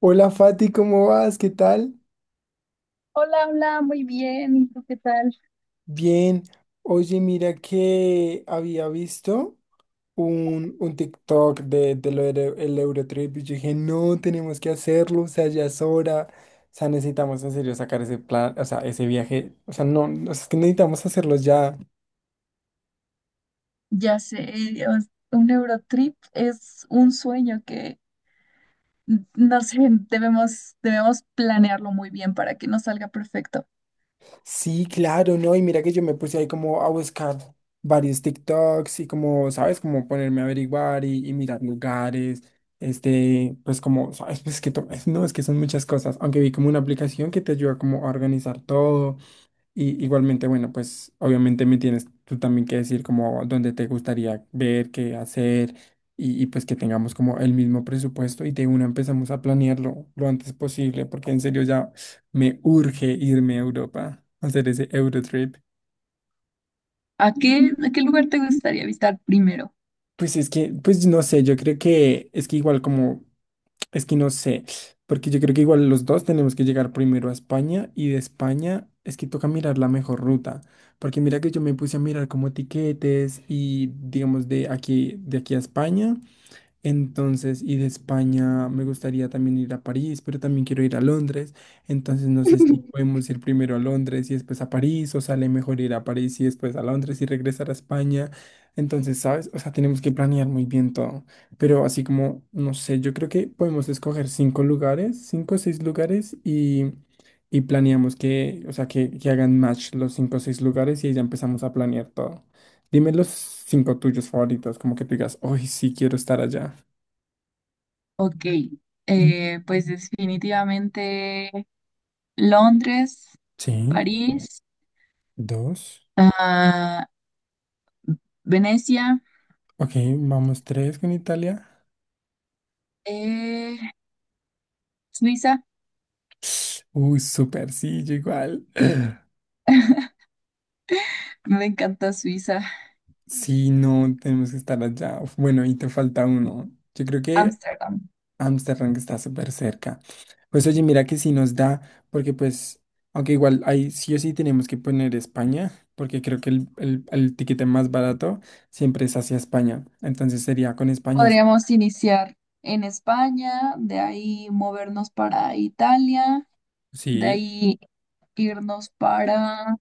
Hola Fati, ¿cómo vas? ¿Qué tal? Hola, hola, muy bien. ¿Y tú qué tal? Bien. Oye, mira que había visto un TikTok de lo del el Eurotrip y yo dije, no, tenemos que hacerlo, o sea, ya es hora, o sea, necesitamos en serio sacar ese plan, o sea, ese viaje, o sea, no, o sea, es que necesitamos hacerlo ya. Ya sé, Dios, un Eurotrip es un sueño que, no sé, debemos planearlo muy bien para que nos salga perfecto. Sí, claro, ¿no? Y mira que yo me puse ahí como a buscar varios TikToks y como, ¿sabes? Como ponerme a averiguar y mirar lugares, este, pues como, ¿sabes? Pues que, no, es que son muchas cosas, aunque vi como una aplicación que te ayuda como a organizar todo. Y igualmente, bueno, pues obviamente me tienes tú también que decir como dónde te gustaría ver, qué hacer y pues que tengamos como el mismo presupuesto y de una empezamos a planearlo lo antes posible porque en serio ya me urge irme a Europa a hacer ese Eurotrip. A qué lugar te gustaría visitar primero? Pues es que, pues no sé, yo creo que es que igual como Es que no sé, porque yo creo que igual los dos tenemos que llegar primero a España y de España es que toca mirar la mejor ruta, porque mira que yo me puse a mirar como tiquetes y digamos de aquí a España. Entonces, y de España me gustaría también ir a París, pero también quiero ir a Londres. Entonces, no sé si podemos ir primero a Londres y después a París, o sale mejor ir a París y después a Londres y regresar a España. Entonces, ¿sabes? O sea, tenemos que planear muy bien todo. Pero así como, no sé, yo creo que podemos escoger cinco lugares, cinco o seis lugares y planeamos que, o sea, que hagan match los cinco o seis lugares y ahí ya empezamos a planear todo. Dime los cinco tuyos favoritos, como que tú digas, hoy sí quiero estar allá. Ok, pues definitivamente Londres, Sí, París, dos. ah, Venecia, Ok, vamos tres con Italia. eh, Suiza. Uy, súper, sí, yo igual. Me encanta Suiza, Sí, no, tenemos que estar allá. Uf, bueno, y te falta uno. Yo creo que Ámsterdam. Ámsterdam que está súper cerca. Pues oye, mira que sí nos da, porque pues, aunque igual ahí sí o sí tenemos que poner España, porque creo que el tiquete más barato siempre es hacia España. Entonces sería con España. Podríamos iniciar en España, de ahí movernos para Italia, de Sí, ahí irnos para,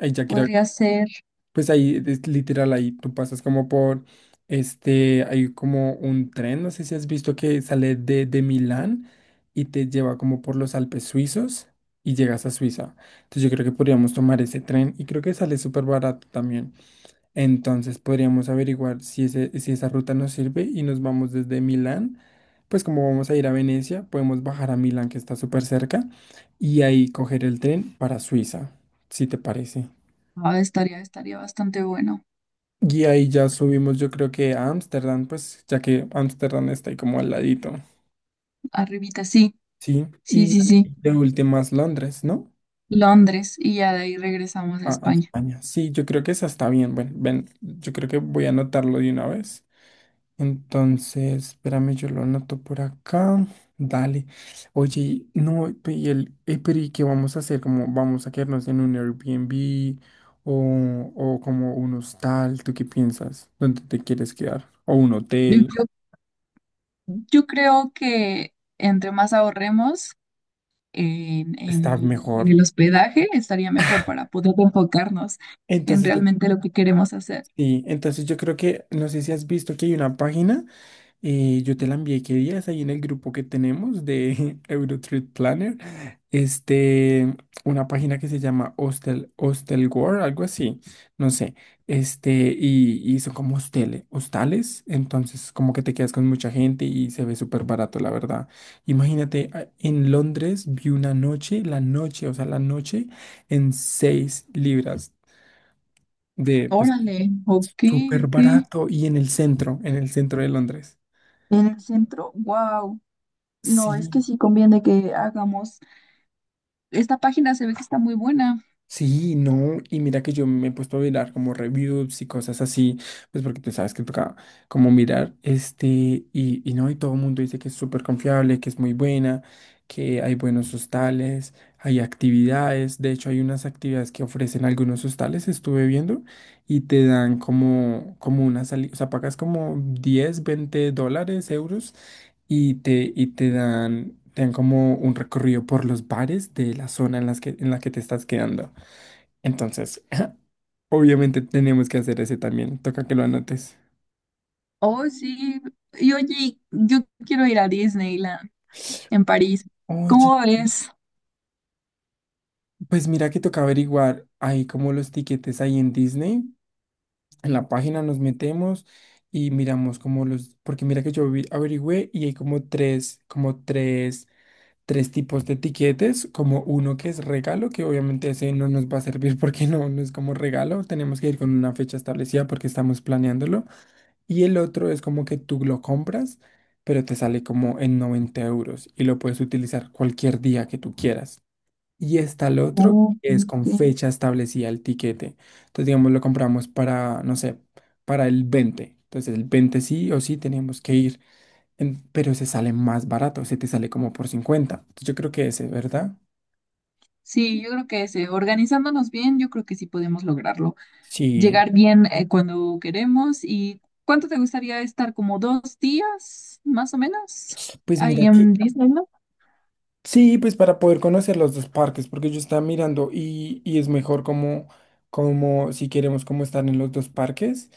ahí ya creo. podría ser, Pues ahí, es literal, ahí tú pasas como por, este, hay como un tren, no sé si has visto que sale de Milán y te lleva como por los Alpes suizos y llegas a Suiza. Entonces yo creo que podríamos tomar ese tren y creo que sale súper barato también. Entonces podríamos averiguar si, ese, si esa ruta nos sirve y nos vamos desde Milán. Pues como vamos a ir a Venecia, podemos bajar a Milán, que está súper cerca, y ahí coger el tren para Suiza, si te parece. ah, estaría bastante bueno. Y ahí ya subimos, yo creo que a Ámsterdam, pues, ya que Ámsterdam está ahí como al ladito, Arribita, sí, ¿sí? sí, Y sí, sí, de últimas Londres, ¿no? Londres, y ya de ahí regresamos a A España. España. Sí, yo creo que esa está bien. Bueno, ven, yo creo que voy a anotarlo de una vez. Entonces, espérame, yo lo anoto por acá. Dale. Oye, no, y el, pero ¿y qué vamos a hacer? ¿Cómo vamos a quedarnos en un Airbnb o como un hostal? ¿Tú qué piensas? ¿Dónde te quieres quedar? ¿O un Yo, hotel? yo- yo creo que entre más ahorremos Está en mejor. el hospedaje, estaría mejor para poder enfocarnos en Entonces, realmente lo que queremos hacer. sí, entonces yo creo que, no sé si has visto que hay una página, yo te la envié qué días ahí en el grupo que tenemos de Eurotrip Planner, este, una página que se llama Hostel, Hostel World, algo así, no sé, este, y son como hosteles, hostales, entonces como que te quedas con mucha gente y se ve súper barato, la verdad. Imagínate, en Londres vi una noche, la noche, o sea, la noche en 6 libras de, pues, Órale, ok, súper ok. barato y en el centro de Londres. En el centro, wow. No, es que Sí, sí conviene que hagamos. Esta página se ve que está muy buena. sí, no. Y mira que yo me he puesto a mirar como reviews y cosas así, pues porque tú sabes que toca como mirar este y no, y todo el mundo dice que es súper confiable, que es muy buena, que hay buenos hostales, hay actividades. De hecho, hay unas actividades que ofrecen algunos hostales, estuve viendo, y te dan como, como una salida, o sea, pagas como 10, 20 dólares, euros y te dan como un recorrido por los bares de la zona en las que, en la que te estás quedando. Entonces, obviamente tenemos que hacer ese también. Toca que lo anotes. Oh, sí. Y oye, yo quiero ir a Disneyland en París. Oye, ¿Cómo ves? pues mira que toca averiguar ahí como los tiquetes ahí en Disney. En la página nos metemos y miramos como los, porque mira que yo averigüé y hay como tres, como tres tipos de tiquetes, como uno que es regalo, que obviamente ese no nos va a servir porque no, no es como regalo, tenemos que ir con una fecha establecida porque estamos planeándolo, y el otro es como que tú lo compras, pero te sale como en 90 euros y lo puedes utilizar cualquier día que tú quieras. Y está el otro Oh, que es con ok. fecha establecida el tiquete. Entonces, digamos, lo compramos para, no sé, para el 20. Entonces, el 20 sí o sí tenemos que ir pero se sale más barato, se te sale como por 50. Entonces, yo creo que ese, ¿verdad? Sí, yo creo que ese, organizándonos bien, yo creo que sí podemos lograrlo. Sí. Llegar bien, cuando queremos. ¿Y cuánto te gustaría estar? ¿Como dos días, más o menos? Pues Ahí mira en Disneyland. sí, pues para poder conocer los dos parques, porque yo estaba mirando y es mejor como, como si queremos como estar en los dos parques,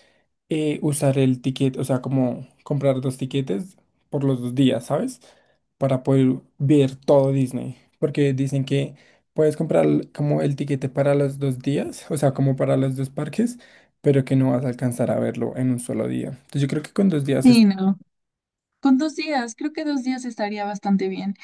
usar el ticket, o sea, como comprar dos tiquetes por los dos días, ¿sabes? Para poder ver todo Disney, porque dicen que puedes comprar como el tiquete para los dos días, o sea, como para los dos parques, pero que no vas a alcanzar a verlo en un solo día. Entonces yo creo que con dos días es, Sí, no. Con dos días, creo que dos días estaría bastante bien.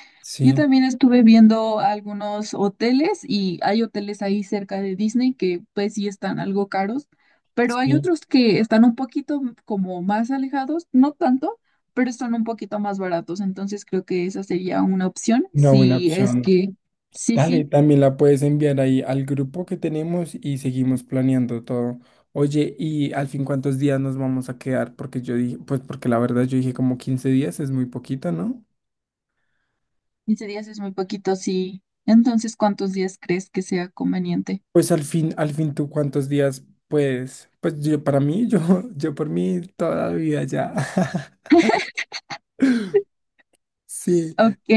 Yo sí, también estuve viendo algunos hoteles y hay hoteles ahí cerca de Disney que pues sí están algo caros, pero hay sí, otros que están un poquito como más alejados, no tanto, pero están un poquito más baratos. Entonces creo que esa sería una opción una buena si es opción. que, sí, Dale, sí, también la puedes enviar ahí al grupo que tenemos y seguimos planeando todo. Oye, ¿y al fin cuántos días nos vamos a quedar? Porque yo dije, pues porque la verdad yo dije como 15 días, es muy poquito, ¿no? 15 días es muy poquito, sí. Entonces, ¿cuántos días crees que sea conveniente? Pues al fin tú cuántos días, pues, pues yo para mí, yo, yo por mí toda la vida ya. Sí. Ok,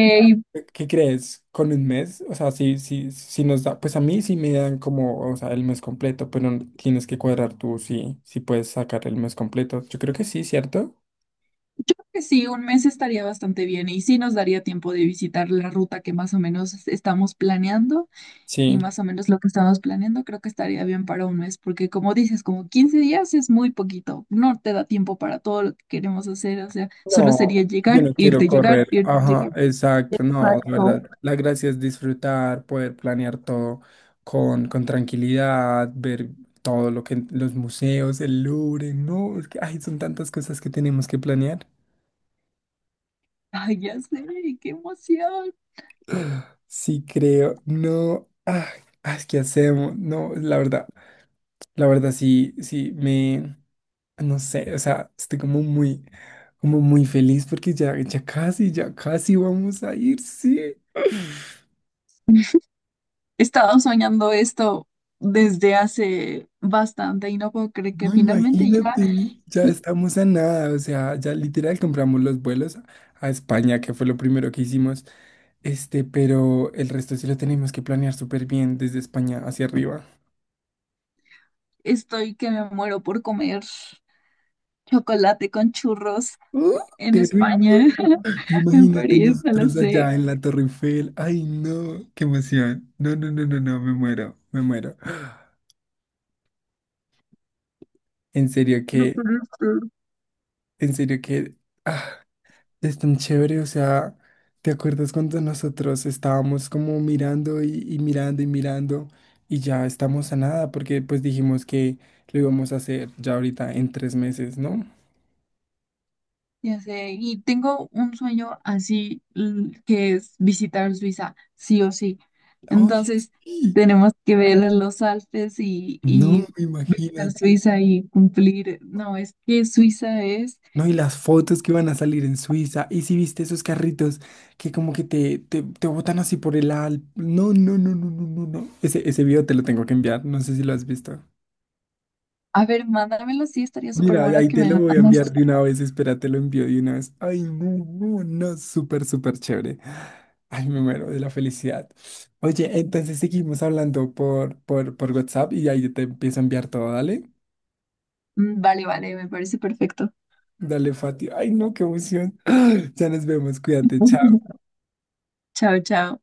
¿Qué crees? ¿Con un mes? O sea, si, si, si nos da, pues a mí sí me dan como, o sea, el mes completo, pero tienes que cuadrar tú si, si puedes sacar el mes completo. Yo creo que sí, ¿cierto? yo creo que sí, un mes estaría bastante bien y sí nos daría tiempo de visitar la ruta que más o menos estamos planeando y Sí. más o menos lo que estamos planeando creo que estaría bien para un mes porque como dices, como 15 días es muy poquito, no te da tiempo para todo lo que queremos hacer, o sea, solo No, sería llegar, yo no quiero irte, llegar, correr. irte, llegar. Ajá, exacto. No, la Exacto. verdad. La gracia es disfrutar, poder planear todo con tranquilidad, ver todo lo que los museos, el Louvre, no, es que ay, son tantas cosas que tenemos que planear. Ay, ya sé, qué emoción. Sí, creo, no, ay, ay, ¿qué hacemos? No, la verdad sí, sí, me, no sé, o sea, estoy como muy feliz porque ya, ya casi vamos a ir, sí. He estado soñando esto desde hace bastante y no puedo creer que No, finalmente ya imagínate, ya estamos a nada, o sea, ya literal compramos los vuelos a España, que fue lo primero que hicimos, este, pero el resto sí lo tenemos que planear súper bien desde España hacia arriba. estoy que me muero por comer. Chocolate con churros ¡Uh! en ¡Qué rico! España, en Imagínate París, no lo nosotros sé. allá en la Torre Eiffel, ay no, qué emoción, no, no, no, no, no, me muero, en serio que, en serio que, ah. Es tan chévere, o sea, ¿te acuerdas cuando nosotros estábamos como mirando y mirando y mirando y ya estamos a nada porque pues dijimos que lo íbamos a hacer ya ahorita en 3 meses, ¿no? Ya sé, y tengo un sueño así que es visitar Suiza, sí o sí. Oye, Entonces, sí. tenemos que ver los Alpes No, y visitar imagínate. Suiza y cumplir. No, es que Suiza es. No, y las fotos que van a salir en Suiza. Y si viste esos carritos que como que te botan así por el al... No, no, no, no, no, no, no. Ese video te lo tengo que enviar. No sé si lo has visto. A ver, mándamelo, sí, estaría súper Mira, bueno ahí que te me lo lo voy a enviar mandas. de una vez, espera, te lo envío de una vez. Ay, no, no, no, súper, súper chévere. Ay, me muero de la felicidad. Oye, entonces seguimos hablando por WhatsApp y ahí te empiezo a enviar todo, dale. Mm, vale, vale, me parece perfecto. Dale, Fati. Ay, no, qué emoción. Ya nos vemos, cuídate, chao. Chao, chao.